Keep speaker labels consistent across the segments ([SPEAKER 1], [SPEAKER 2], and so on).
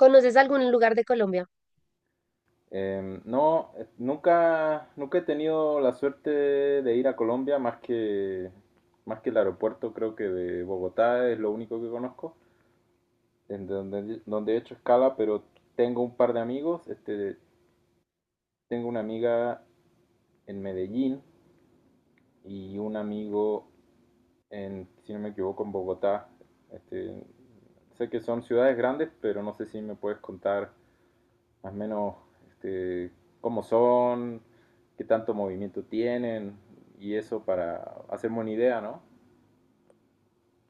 [SPEAKER 1] ¿Conoces algún lugar de Colombia?
[SPEAKER 2] No, nunca he tenido la suerte de ir a Colombia más que el aeropuerto, creo que de Bogotá es lo único que conozco, en donde he hecho escala, pero tengo un par de amigos, este, tengo una amiga en Medellín y un amigo en, si no me equivoco, en Bogotá. Este, sé que son ciudades grandes, pero no sé si me puedes contar más o menos este, cómo son, qué tanto movimiento tienen y eso para hacerme una idea, ¿no?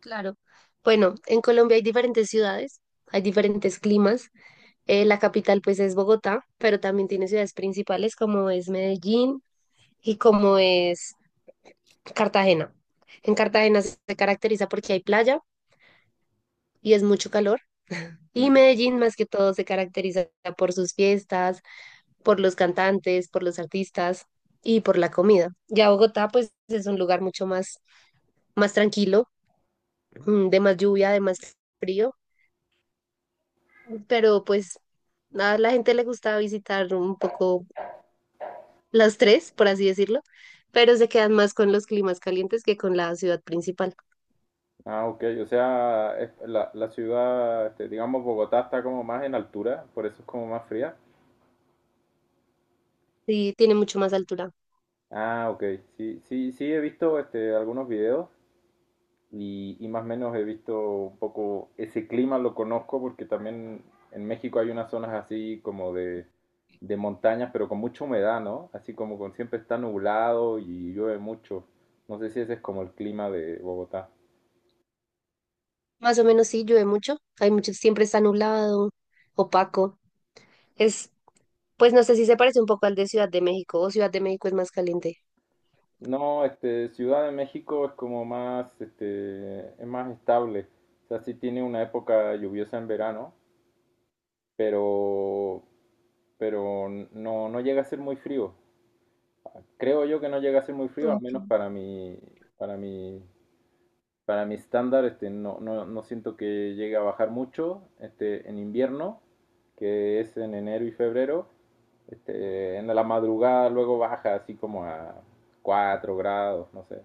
[SPEAKER 1] Claro. Bueno, en Colombia hay diferentes ciudades, hay diferentes climas. La capital pues es Bogotá, pero también tiene ciudades principales como es Medellín y como es Cartagena. En Cartagena se caracteriza porque hay playa y es mucho calor. Y
[SPEAKER 2] Mm.
[SPEAKER 1] Medellín más que todo se caracteriza por sus fiestas, por los cantantes, por los artistas y por la comida. Ya Bogotá pues es un lugar mucho más tranquilo, de más lluvia, de más frío, pero pues a la gente le gusta visitar un poco las tres, por así decirlo, pero se quedan más con los climas calientes que con la ciudad principal.
[SPEAKER 2] Ah, ok, o sea, la ciudad, este, digamos, Bogotá está como más en altura, por eso es como más fría.
[SPEAKER 1] Sí, tiene mucho más altura.
[SPEAKER 2] Ah, ok, sí, sí, sí, he visto este, algunos videos y más o menos he visto un poco ese clima, lo conozco porque también en México hay unas zonas así como de montañas, pero con mucha humedad, ¿no? Así como con siempre está nublado y llueve mucho. No sé si ese es como el clima de Bogotá.
[SPEAKER 1] Más o menos sí, llueve mucho. Hay mucho, siempre está nublado, opaco. Es, pues no sé si se parece un poco al de Ciudad de México o Ciudad de México es más caliente.
[SPEAKER 2] No, este, Ciudad de México es como más, este, es más estable. O sea, sí tiene una época lluviosa en verano, pero, pero no llega a ser muy frío. Creo yo que no llega a ser muy frío, al menos
[SPEAKER 1] Ok.
[SPEAKER 2] para mi, para mi estándar, este, no siento que llegue a bajar mucho, este, en invierno, que es en enero y febrero, este, en la madrugada luego baja así como a 4 grados, no sé,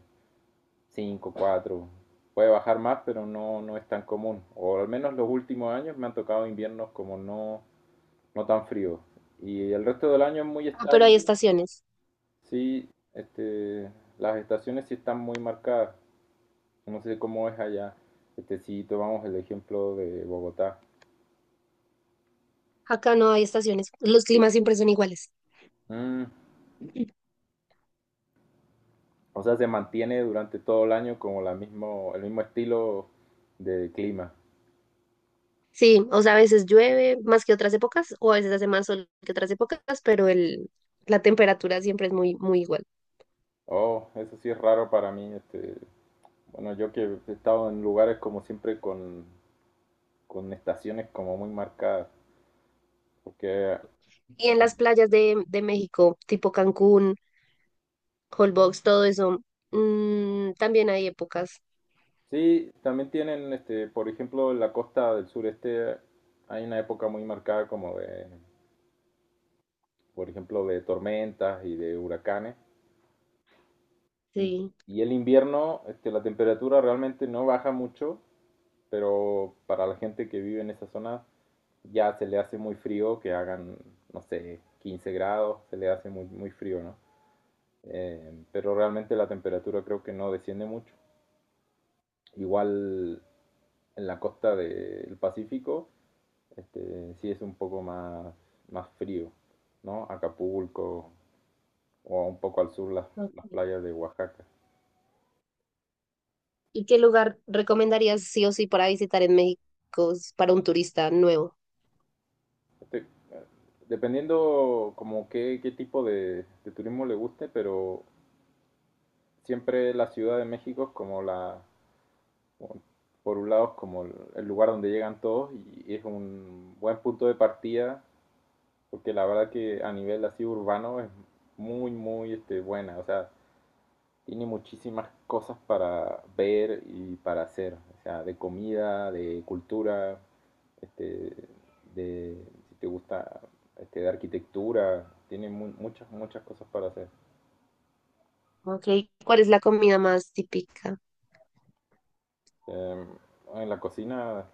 [SPEAKER 2] 5, 4. Puede bajar más, pero no es tan común, o al menos los últimos años me han tocado inviernos como no, no tan fríos, y el resto del año es muy
[SPEAKER 1] Ah, pero hay
[SPEAKER 2] estable.
[SPEAKER 1] estaciones.
[SPEAKER 2] Sí, este, las estaciones sí están muy marcadas. No sé cómo es allá. Este, si tomamos el ejemplo de Bogotá.
[SPEAKER 1] Acá no hay estaciones. Los climas siempre son iguales.
[SPEAKER 2] Mm, o sea, se mantiene durante todo el año como el mismo estilo de clima.
[SPEAKER 1] Sí, o sea, a veces llueve más que otras épocas, o a veces hace más sol que otras épocas, pero la temperatura siempre es muy, muy igual.
[SPEAKER 2] Oh, eso sí es raro para mí. Este, bueno, yo que he estado en lugares como siempre con estaciones como muy marcadas. Porque
[SPEAKER 1] Y en las playas de México, tipo Cancún, Holbox, todo eso, mm, también hay épocas.
[SPEAKER 2] sí, también tienen, este, por ejemplo, en la costa del sureste hay una época muy marcada como de por ejemplo, de tormentas y de huracanes. Y,
[SPEAKER 1] Sí.
[SPEAKER 2] y el invierno, este, la temperatura realmente no baja mucho, pero para la gente que vive en esa zona ya se le hace muy frío que hagan, no sé, 15 grados, se le hace muy, muy frío, ¿no? Pero realmente la temperatura creo que no desciende mucho. Igual en la costa del Pacífico, este, sí es un poco más, más frío, ¿no? Acapulco o un poco al sur las
[SPEAKER 1] Ok.
[SPEAKER 2] playas de Oaxaca.
[SPEAKER 1] ¿Y qué lugar recomendarías sí o sí para visitar en México para un turista nuevo?
[SPEAKER 2] Este, dependiendo como qué, qué tipo de turismo le guste, pero siempre la Ciudad de México es como como- por un lado es como el lugar donde llegan todos y es un buen punto de partida, porque la verdad que a nivel así urbano es muy, muy este, buena. O sea, tiene muchísimas cosas para ver y para hacer, o sea, de comida, de cultura, este, de, si te gusta, este, de arquitectura, tiene mu muchas, muchas cosas para hacer.
[SPEAKER 1] Okay. ¿Cuál es la comida más típica?
[SPEAKER 2] Eh, en la cocina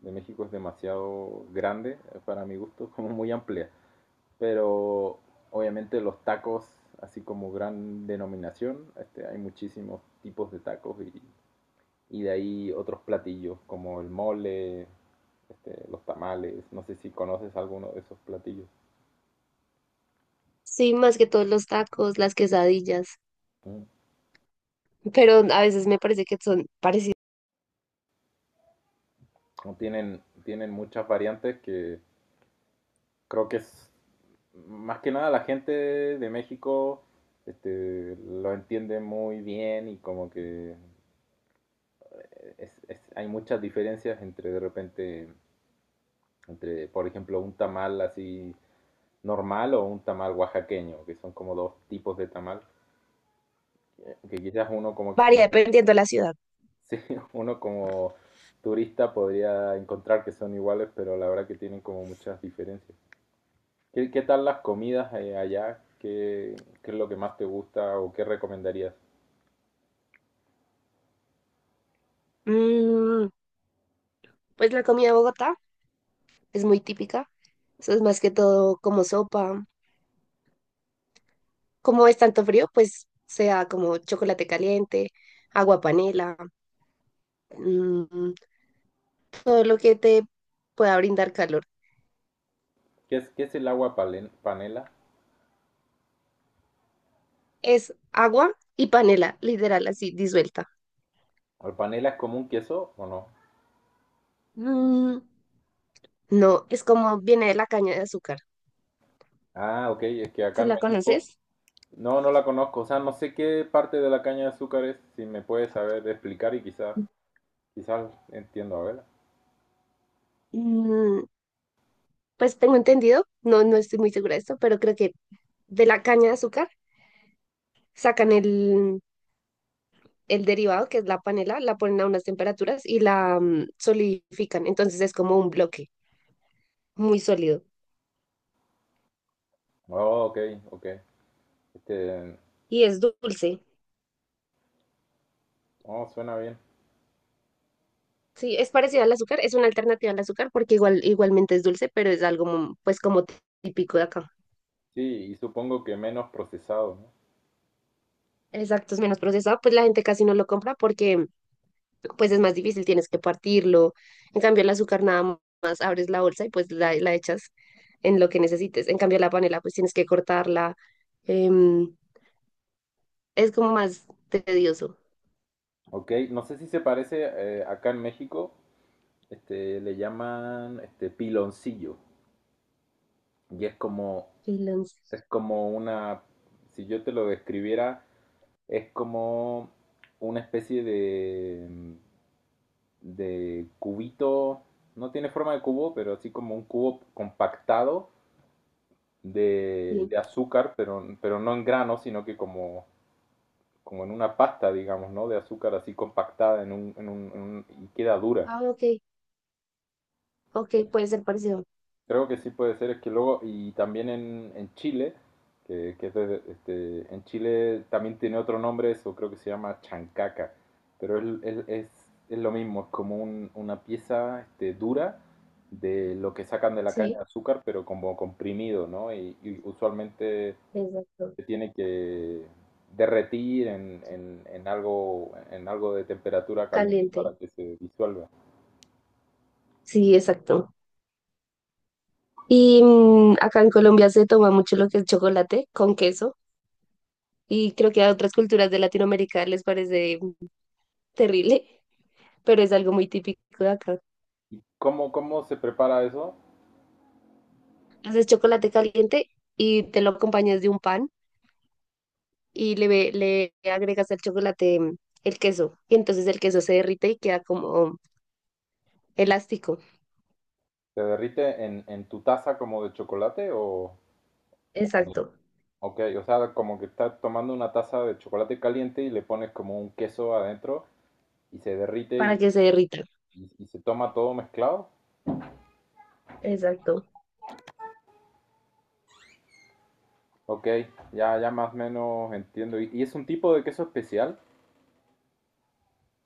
[SPEAKER 2] de México es demasiado grande, para mi gusto, como muy amplia, pero obviamente los tacos, así como gran denominación, este, hay muchísimos tipos de tacos y de ahí otros platillos como el mole, este, los tamales, no sé si conoces alguno de esos platillos.
[SPEAKER 1] Sí, más que todos los tacos, las quesadillas.
[SPEAKER 2] Mm.
[SPEAKER 1] Pero a veces me parece que son parecidas,
[SPEAKER 2] Tienen muchas variantes que creo que es más que nada la gente de México este, lo entiende muy bien y como que hay muchas diferencias entre de repente, entre por ejemplo un tamal así normal o un tamal oaxaqueño, que son como dos tipos de tamal, que quizás uno como que
[SPEAKER 1] varía dependiendo de la ciudad.
[SPEAKER 2] sí, uno como turista podría encontrar que son iguales, pero la verdad que tienen como muchas diferencias. ¿Qué, qué tal las comidas allá? ¿Qué, qué es lo que más te gusta o qué recomendarías?
[SPEAKER 1] Mm, pues la comida de Bogotá es muy típica, eso es más que todo como sopa. Como es tanto frío, pues sea como chocolate caliente, agua panela, mm, todo lo que te pueda brindar calor.
[SPEAKER 2] Qué es el panela?
[SPEAKER 1] Es agua y panela, literal, así disuelta.
[SPEAKER 2] ¿El panela es como un queso o no?
[SPEAKER 1] Mm, no, es como viene de la caña de azúcar.
[SPEAKER 2] Ah, ok, es que acá
[SPEAKER 1] Si
[SPEAKER 2] en
[SPEAKER 1] la
[SPEAKER 2] México
[SPEAKER 1] conoces,
[SPEAKER 2] no la conozco, o sea, no sé qué parte de la caña de azúcar es, si me puedes saber explicar y quizás, quizás entiendo, a ver.
[SPEAKER 1] mm, pues tengo entendido, no, no estoy muy segura de esto, pero creo que de la caña de azúcar sacan el derivado, que es la panela, la ponen a unas temperaturas y la, mm, solidifican. Entonces es como un bloque muy sólido
[SPEAKER 2] Oh, ok, ok. Este,
[SPEAKER 1] y es dulce.
[SPEAKER 2] oh, suena bien.
[SPEAKER 1] Sí, es parecido al azúcar, es una alternativa al azúcar porque igual, igualmente es dulce, pero es algo, mm, pues como típico de acá.
[SPEAKER 2] Sí, y supongo que menos procesado, ¿no?
[SPEAKER 1] Exacto, es menos procesado, pues la gente casi no lo compra porque pues es más difícil, tienes que partirlo. En cambio, el azúcar nada más abres la bolsa y pues la echas en lo que necesites. En cambio, la panela pues tienes que cortarla. Em, es como más tedioso.
[SPEAKER 2] Ok, no sé si se parece, acá en México, este, le llaman este piloncillo. Y es
[SPEAKER 1] Freelance,
[SPEAKER 2] es como una, si yo te lo describiera, es como una especie de cubito, no tiene forma de cubo, pero así como un cubo compactado
[SPEAKER 1] sí.
[SPEAKER 2] de azúcar, pero no en grano, sino que como como en una pasta, digamos, ¿no? De azúcar así compactada en en y queda dura.
[SPEAKER 1] Ah, ok, ok, puede ser parecido.
[SPEAKER 2] Creo que sí puede ser, es que luego, y también en Chile, que es este, en Chile también tiene otro nombre eso, creo que se llama chancaca, pero es lo mismo, es como una pieza este, dura de lo que sacan de la caña
[SPEAKER 1] Sí,
[SPEAKER 2] de azúcar, pero como comprimido, ¿no? Y usualmente
[SPEAKER 1] exacto.
[SPEAKER 2] se tiene que derretir en algo de temperatura caliente
[SPEAKER 1] Caliente.
[SPEAKER 2] para que se disuelva.
[SPEAKER 1] Sí, exacto. Y, mm, acá en Colombia se toma mucho lo que es chocolate con queso y creo que a otras culturas de Latinoamérica les parece terrible, pero es algo muy típico de acá.
[SPEAKER 2] ¿Y cómo, cómo se prepara eso?
[SPEAKER 1] Haces chocolate caliente y te lo acompañas de un pan y le agregas al chocolate, mm, el queso. Y entonces el queso se derrite y queda como elástico.
[SPEAKER 2] ¿Se derrite en tu taza como de chocolate o
[SPEAKER 1] Exacto,
[SPEAKER 2] ok, o sea, como que estás tomando una taza de chocolate caliente y le pones como un queso adentro y se derrite
[SPEAKER 1] para que se derrita.
[SPEAKER 2] y se toma todo mezclado.
[SPEAKER 1] Exacto.
[SPEAKER 2] Ok, ya, ya más o menos entiendo. Y es un tipo de queso especial?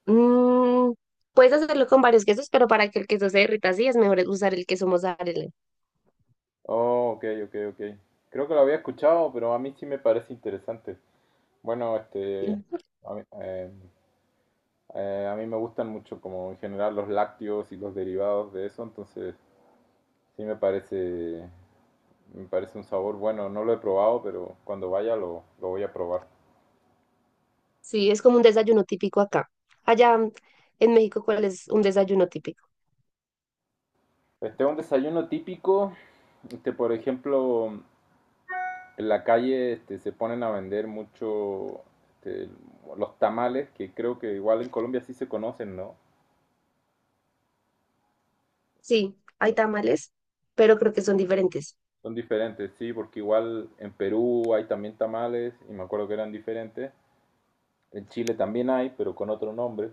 [SPEAKER 1] Mm, puedes hacerlo con varios quesos, pero para que el queso se derrita así es mejor usar el queso mozzarella.
[SPEAKER 2] Oh, ok, ok, ok. Creo que lo había escuchado, pero a mí sí me parece interesante. Bueno, este,
[SPEAKER 1] Ujú.
[SPEAKER 2] a mí, eh, a mí me gustan mucho como en general los lácteos y los derivados de eso, entonces sí me parece un sabor bueno. No lo he probado, pero cuando vaya lo voy a probar.
[SPEAKER 1] Sí, es como un desayuno típico acá. Allá, mm, en México, ¿cuál es un desayuno típico?
[SPEAKER 2] Este un desayuno típico, este, por ejemplo, en la calle este, se ponen a vender mucho este, los tamales, que creo que igual en Colombia sí se conocen, ¿no?
[SPEAKER 1] Sí, hay tamales, pero creo que son diferentes.
[SPEAKER 2] Son diferentes, sí, porque igual en Perú hay también tamales y me acuerdo que eran diferentes. En Chile también hay, pero con otro nombre.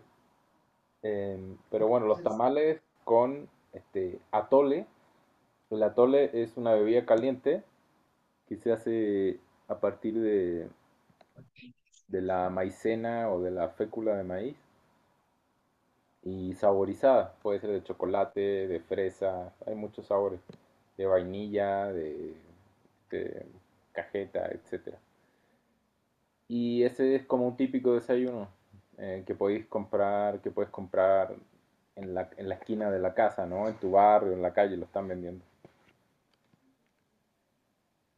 [SPEAKER 2] Pero bueno, los tamales con este atole. El atole es una bebida caliente que se hace a partir de la maicena o de la fécula de maíz y saborizada. Puede ser de chocolate, de fresa, hay muchos sabores. De vainilla, de cajeta, etcétera. Y ese es como un típico desayuno que puedes comprar en en la esquina de la casa, ¿no? En tu barrio, en la calle, lo están vendiendo.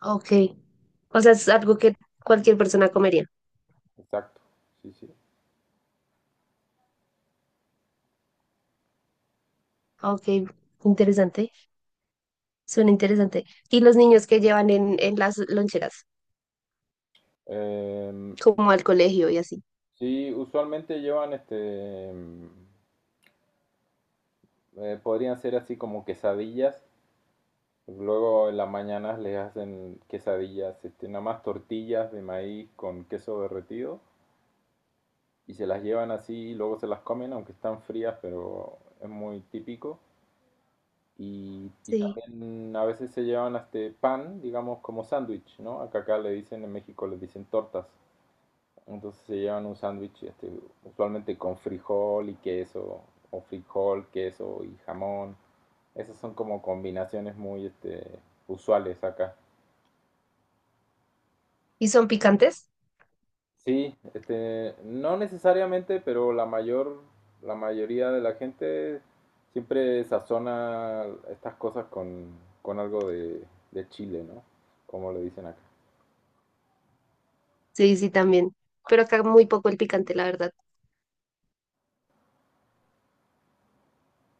[SPEAKER 1] Ok. O sea, es algo que cualquier persona comería.
[SPEAKER 2] Exacto, sí, sí.
[SPEAKER 1] Ok, interesante. Suena interesante. Y los niños que llevan en las loncheras,
[SPEAKER 2] Em,
[SPEAKER 1] como al colegio y así.
[SPEAKER 2] sí, usualmente llevan este, podrían ser así como quesadillas. Luego en las mañanas les hacen quesadillas, este, nada más tortillas de maíz con queso derretido y se las llevan así y luego se las comen, aunque están frías, pero es muy típico. Y
[SPEAKER 1] Sí.
[SPEAKER 2] también a veces se llevan hasta pan, digamos, como sándwich, ¿no? Acá le dicen, en México les dicen tortas. Entonces se llevan un sándwich, este, usualmente con frijol y queso, o frijol, queso y jamón. Esas son como combinaciones muy, este, usuales acá.
[SPEAKER 1] ¿Y son picantes?
[SPEAKER 2] Sí, este, no necesariamente, pero la mayoría de la gente siempre sazona estas cosas con algo de chile, ¿no? Como le dicen acá.
[SPEAKER 1] Sí, sí, también. Pero acá muy poco el picante, la verdad.